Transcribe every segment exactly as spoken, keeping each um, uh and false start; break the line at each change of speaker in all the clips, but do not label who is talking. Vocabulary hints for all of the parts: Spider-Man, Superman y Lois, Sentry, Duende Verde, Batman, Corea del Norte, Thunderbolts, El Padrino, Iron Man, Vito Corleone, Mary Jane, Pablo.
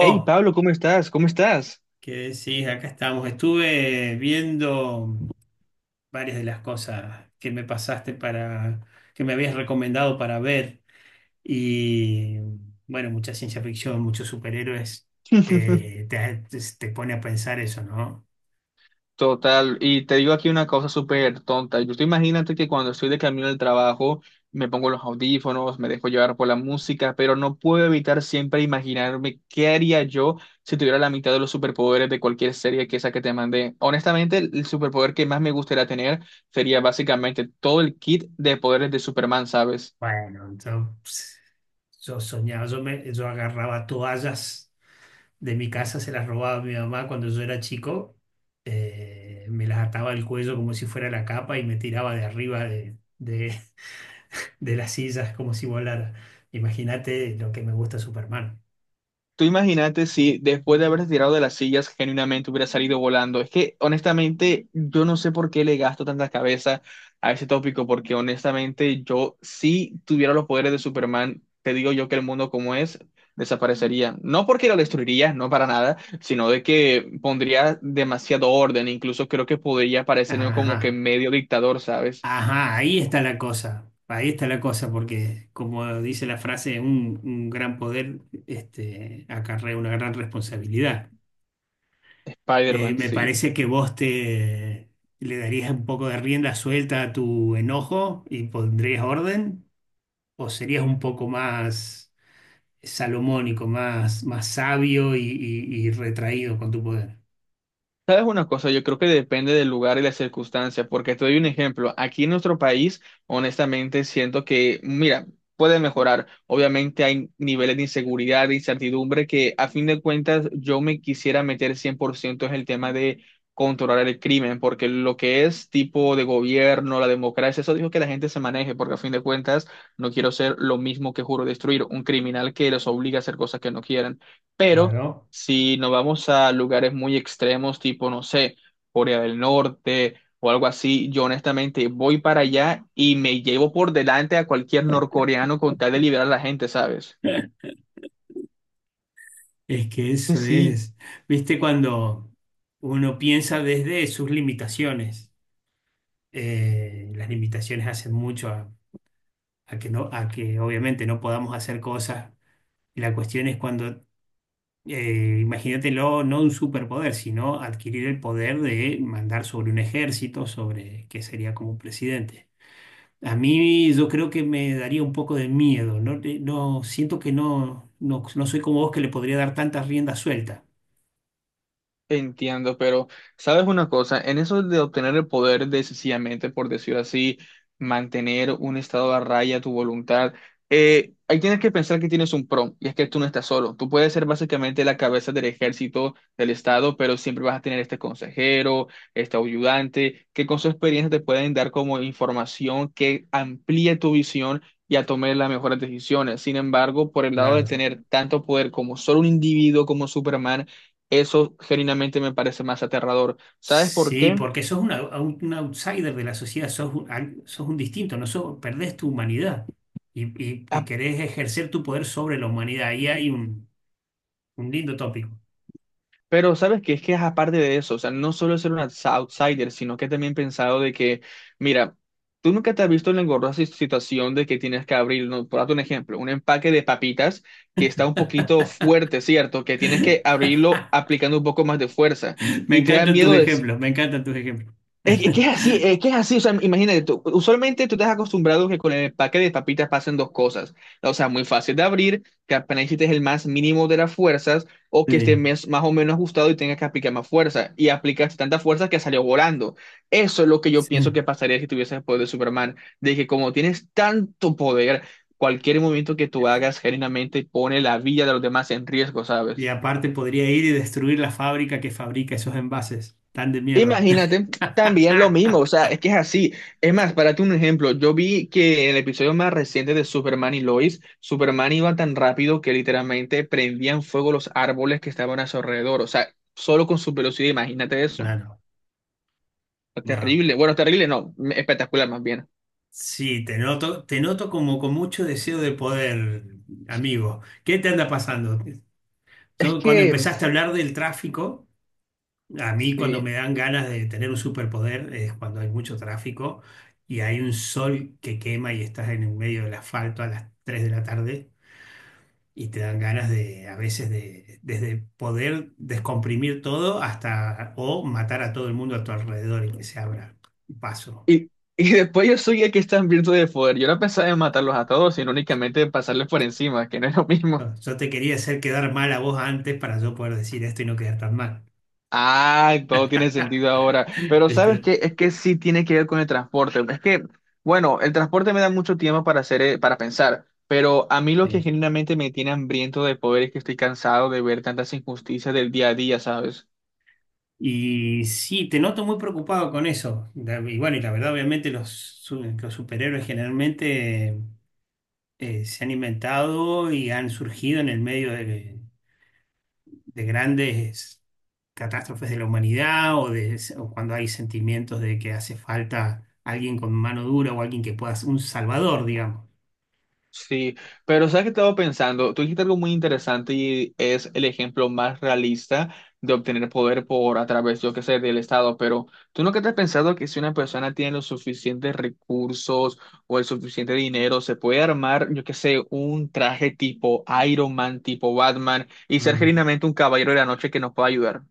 Hey Pablo, ¿cómo estás? ¿Cómo estás?
qué decís, acá estamos. Estuve viendo varias de las cosas que me pasaste para, que me habías recomendado para ver. Y bueno, mucha ciencia ficción, muchos superhéroes, eh, te, te pone a pensar eso, ¿no?
Total, y te digo aquí una cosa súper tonta. Yo estoy imagínate que cuando estoy de camino al trabajo, me pongo los audífonos, me dejo llevar por la música, pero no puedo evitar siempre imaginarme qué haría yo si tuviera la mitad de los superpoderes de cualquier serie que esa que te mandé. Honestamente, el el superpoder que más me gustaría tener sería básicamente todo el kit de poderes de Superman, ¿sabes?
Bueno, yo, ps, yo soñaba, yo, me, yo agarraba toallas de mi casa, se las robaba a mi mamá cuando yo era chico, eh, me las ataba al cuello como si fuera la capa y me tiraba de arriba de, de, de las sillas como si volara. Imagínate lo que me gusta Superman.
Tú imagínate si después de haberse tirado de las sillas genuinamente hubiera salido volando. Es que honestamente yo no sé por qué le gasto tanta cabeza a ese tópico, porque honestamente yo si tuviera los poderes de Superman, te digo yo que el mundo como es desaparecería. No porque lo destruiría, no para nada, sino de que pondría demasiado orden. Incluso creo que podría parecerme como que
Ajá,
medio dictador, ¿sabes?
ajá, ahí está la cosa. Ahí está la cosa, porque como dice la frase, un, un gran poder este, acarrea una gran responsabilidad. Eh,
Spider-Man,
me
sí.
parece que vos te le darías un poco de rienda suelta a tu enojo y pondrías orden, o serías un poco más salomónico, más, más sabio y, y y retraído con tu poder.
¿Sabes una cosa? Yo creo que depende del lugar y la circunstancia, porque te doy un ejemplo. Aquí en nuestro país, honestamente, siento que, mira, puede mejorar. Obviamente hay niveles de inseguridad, de incertidumbre, que a fin de cuentas yo me quisiera meter cien por ciento en el tema de controlar el crimen, porque lo que es tipo de gobierno, la democracia, eso dijo que la gente se maneje, porque a fin de cuentas no quiero ser lo mismo que juro destruir, un criminal que los obliga a hacer cosas que no quieran. Pero...
Claro.
Si nos vamos a lugares muy extremos, tipo, no sé, Corea del Norte o algo así, yo honestamente voy para allá y me llevo por delante a cualquier norcoreano con tal de liberar a la gente, ¿sabes?
Es que
Que
eso
sí.
es, viste, cuando uno piensa desde sus limitaciones, eh, las limitaciones hacen mucho a, a que no, a que obviamente no podamos hacer cosas. La cuestión es cuando, eh, imagínatelo, no no un superpoder, sino adquirir el poder de mandar sobre un ejército, sobre que sería como un presidente. A mí yo creo que me daría un poco de miedo, no. Eh, no siento que no, no, no soy como vos que le podría dar tanta rienda suelta.
Entiendo, pero sabes una cosa, en eso de obtener el poder de sencillamente, por decirlo así, mantener un estado a raya tu voluntad, eh, ahí tienes que pensar que tienes un pro, y es que tú no estás solo. Tú puedes ser básicamente la cabeza del ejército del estado, pero siempre vas a tener este consejero, este ayudante, que con su experiencia te pueden dar como información que amplíe tu visión, y a tomar las mejores decisiones. Sin embargo, por el lado de
Claro.
tener tanto poder como solo un individuo como Superman, eso genuinamente me parece más aterrador. ¿Sabes por
Sí,
qué?
porque sos una- un, un outsider de la sociedad, sos un, al- sos un distinto, no sos- perdés tu humanidad y, y- y
Ah,
querés ejercer tu poder sobre la humanidad. Ahí hay un, un lindo tópico.
pero sabes que es que es aparte de eso, o sea, no solo ser un outs- outsider, sino que también he pensado de que, mira, tú nunca te has visto en la engorrosa si, situación de que tienes que abrir, no, por darte un ejemplo, un empaque de papitas que está un poquito fuerte, ¿cierto? Que tienes que abrirlo aplicando un poco más de fuerza
Me
y te da
encantan tus
miedo de...
ejemplos, me encantan tus ejemplos.
Es, es que es así, es que es así, o sea, imagínate, tú usualmente tú te has acostumbrado que con el empaque de papitas pasen dos cosas, o sea, muy fácil de abrir, que apenas hiciste el más mínimo de las fuerzas, o que esté
Sí.
mes- más o menos ajustado y tengas que aplicar más fuerza, y aplicaste tanta fuerza que salió volando. Eso es lo que yo pienso
Sí.
que pasaría si tuvieses el poder de Superman, de que como tienes tanto poder, cualquier movimiento que tú hagas genuinamente pone la vida de los demás en riesgo,
Y
¿sabes?
aparte podría ir y destruir la fábrica que fabrica esos envases tan de mierda.
Imagínate también lo mismo, o sea, es que es así. Es más, para darte un ejemplo, yo vi que en el episodio más reciente de Superman y Lois, Superman iba tan rápido que literalmente prendían fuego los árboles que estaban a su alrededor, o sea, solo con su velocidad, imagínate eso.
Claro, no.
Terrible, bueno, terrible no, espectacular más bien.
Sí, te noto, te noto como con mucho deseo de poder, amigo. ¿Qué te anda pasando?
Es
Yo, cuando
que,
empezaste a hablar del tráfico, a mí cuando
sí,
me dan ganas de tener un superpoder es cuando hay mucho tráfico y hay un sol que quema y estás en el medio del asfalto a las tres de la tarde y te dan ganas de, a veces, de, desde poder descomprimir todo hasta o matar a todo el mundo a tu alrededor y que se abra paso.
y y después yo soy el que está hambriento de poder, yo no pensaba en matarlos a todos, sino únicamente pasarles por encima, que no es lo mismo.
Yo, yo te quería hacer quedar mal a vos antes para yo poder decir esto y no quedar tan mal.
Ah, todo tiene sentido ahora. Pero ¿sabes
¿Viste?
qué? Es que sí tiene que ver con el transporte. Es que, bueno, el transporte me da mucho tiempo para hacer, eh, para pensar. Pero a mí lo que genuinamente me tiene hambriento de poder es que estoy cansado de ver tantas injusticias del día a día, ¿sabes?
Y sí, te noto muy preocupado con eso. Da- Y bueno, y la verdad, obviamente, los, su- los superhéroes generalmente eh, se han inventado y han surgido en el medio de, de grandes catástrofes de la humanidad o, de, o cuando hay sentimientos de que hace falta alguien con mano dura o alguien que pueda ser un salvador, digamos.
Sí, pero sabes que estaba pensando, tú dijiste algo muy interesante y es el ejemplo más realista de obtener poder por a través, yo qué sé, del Estado, pero tú nunca te has pensado que si una persona tiene los suficientes recursos o el suficiente dinero, se puede armar, yo qué sé, un traje tipo Iron Man, tipo Batman y ser
Mm.
genuinamente un caballero de la noche que nos pueda ayudar.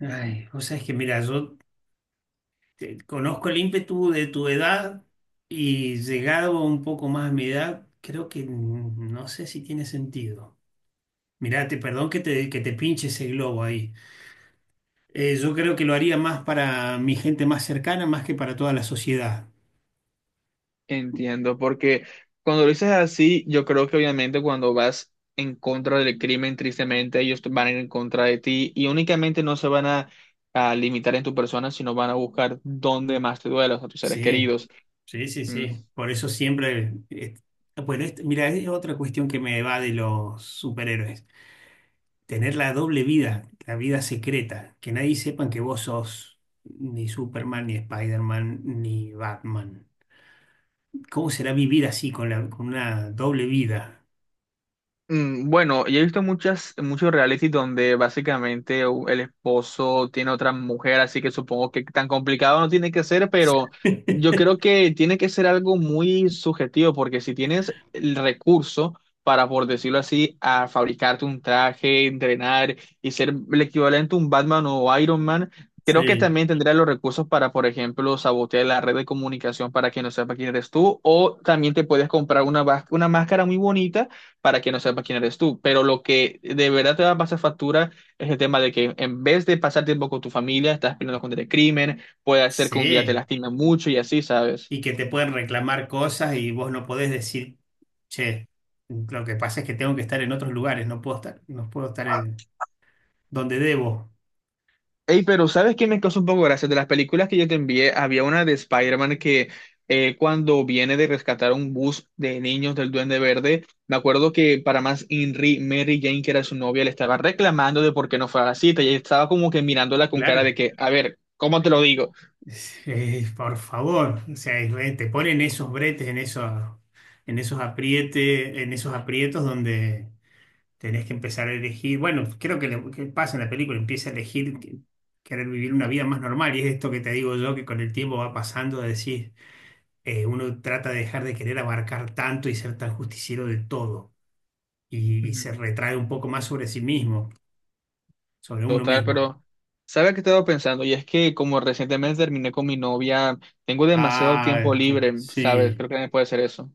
Ay, vos sabés que, mira, yo te- conozco el ímpetu de tu edad y llegado un poco más a mi edad, creo que mm, no sé si tiene sentido. Mirá, te- perdón que te, que te pinche ese globo ahí. Eh, yo creo que lo haría más para mi gente más cercana, más que para toda la sociedad.
Entiendo, porque cuando lo dices así, yo creo que obviamente cuando vas en contra del crimen, tristemente ellos van a ir en contra de ti y únicamente no se van a, a limitar en tu persona, sino van a buscar dónde más te duela, a tus seres
Sí,
queridos.
sí, sí, sí. Por eso siempre, eh, bueno, este- mira, es otra cuestión que me va de los superhéroes. Tener la doble vida, la vida secreta, que nadie sepa que vos sos ni Superman, ni Spider-Man, ni Batman. ¿Cómo será vivir así con la, con una doble vida?
Mm, bueno, yo he visto muchas, muchos reality donde básicamente u- el esposo tiene otra mujer, así que supongo que tan complicado no tiene que ser, pero yo creo que tiene que ser algo muy subjetivo, porque si tienes el recurso para, por decirlo así, a fabricarte un traje, entrenar y ser el equivalente a un Batman o Iron Man, creo que
Sí,
también tendrás los recursos para, por ejemplo, sabotear la red de comunicación para que no sepa quién eres tú, o también te puedes comprar una, vas- una máscara muy bonita para que no sepa quién eres tú. Pero lo que de verdad te va a pasar factura es el tema de que en vez de pasar tiempo con tu familia, estás peleando contra el crimen, puede ser que un día te
sí.
lastime mucho y así, ¿sabes?
Y que te pueden reclamar cosas y vos no podés decir, che, lo que pasa es que tengo que estar en otros lugares, no puedo estar, no puedo estar en donde debo.
Ey, pero ¿sabes qué me causa un poco gracia? De las películas que yo te envié, había una de Spider-Man que eh, cuando viene de rescatar un bus de niños del Duende Verde, me acuerdo que para más Henry, Mary Jane, que era su novia, le estaba reclamando de por qué no fue a la cita y ella estaba como que mirándola con cara de
Claro.
que, a ver, ¿cómo te lo digo?
Eh, por favor, o sea, Israel, te ponen esos bretes, en esos, en esos aprietes, en esos aprietos donde tenés que empezar a elegir. Bueno, creo que, le- que pasa en la película, empieza a elegir que- querer vivir una vida más normal. Y es esto que te digo yo, que con el tiempo va pasando, de decir, eh, uno trata de dejar de querer abarcar tanto y ser tan justiciero de todo. Y, y se retrae un poco más sobre sí mismo, sobre uno
Total,
mismo.
pero ¿sabes qué estaba pensando? Y es que como recientemente terminé con mi novia, tengo demasiado tiempo
Ah, que-
libre, ¿sabes?
sí.
Creo que nadie puede hacer eso.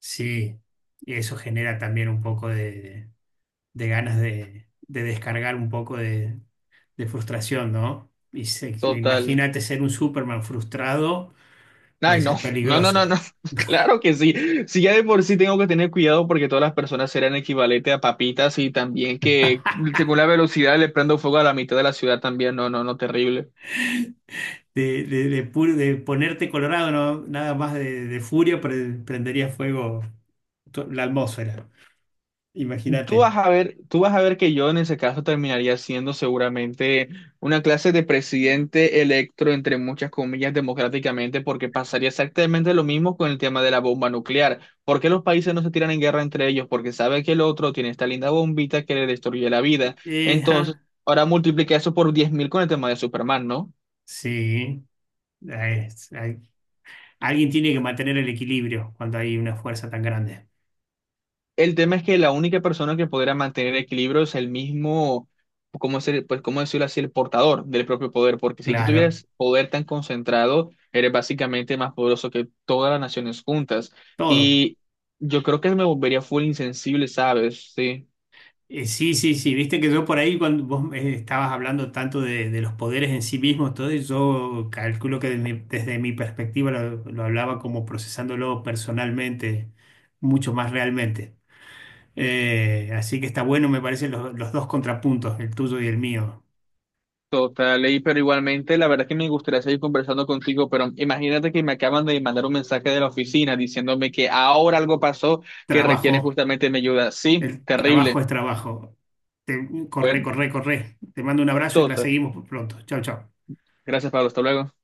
Sí, y eso genera también un poco de, de ganas de, de descargar un poco de, de frustración, ¿no? Y se-
Total.
imagínate ser un Superman frustrado,
Ay,
puede
no,
ser
no, no, no, no.
peligroso.
Claro que sí. Si ya de por sí tengo que tener cuidado porque todas las personas serán equivalente a papitas y también que según la velocidad le prendo fuego a la mitad de la ciudad también. No, no, no, terrible.
De, de- de pu- de ponerte colorado, ¿no? Nada más de, de furia, pre- prendería fuego to- la atmósfera.
Tú
Imagínate.
vas a ver, tú vas a ver que yo en ese caso terminaría siendo seguramente una clase de presidente electo, entre muchas comillas, democráticamente, porque pasaría exactamente lo mismo con el tema de la bomba nuclear. ¿Por qué los países no se tiran en guerra entre ellos? Porque sabe que el otro tiene esta linda bombita que le destruye la vida.
Eh,
Entonces,
ah,
ahora multiplica eso por diez mil con el tema de Superman, ¿no?
sí. Ah, hay- alguien tiene que mantener el equilibrio cuando hay una fuerza tan grande.
El tema es que la única persona que podrá mantener equilibrio es el mismo, ¿cómo ser, pues, cómo decirlo así, el portador del propio poder, porque si tú
Claro,
tuvieras poder tan concentrado, eres básicamente más poderoso que todas las naciones juntas.
todo.
Y yo creo que me volvería full insensible, ¿sabes? Sí,
Eh, sí, sí, sí, viste que yo por ahí cuando vos eh, estabas hablando tanto de, de los poderes en sí mismos, todo, y yo calculo que de mi- desde mi perspectiva lo, lo hablaba como procesándolo personalmente, mucho más realmente. Eh, así que está bueno, me parecen los, los dos contrapuntos, el tuyo y el mío.
total. Y, pero igualmente, la verdad es que me gustaría seguir conversando contigo, pero imagínate que me acaban de mandar un mensaje de la oficina diciéndome que ahora algo pasó que requiere
Trabajo,
justamente mi ayuda. Sí,
el trabajo
terrible.
es trabajo. Te, corre,
Bueno,
corre, corre. Te mando un abrazo y la
total.
seguimos pronto. Chao, chao.
Gracias, Pablo. Hasta luego.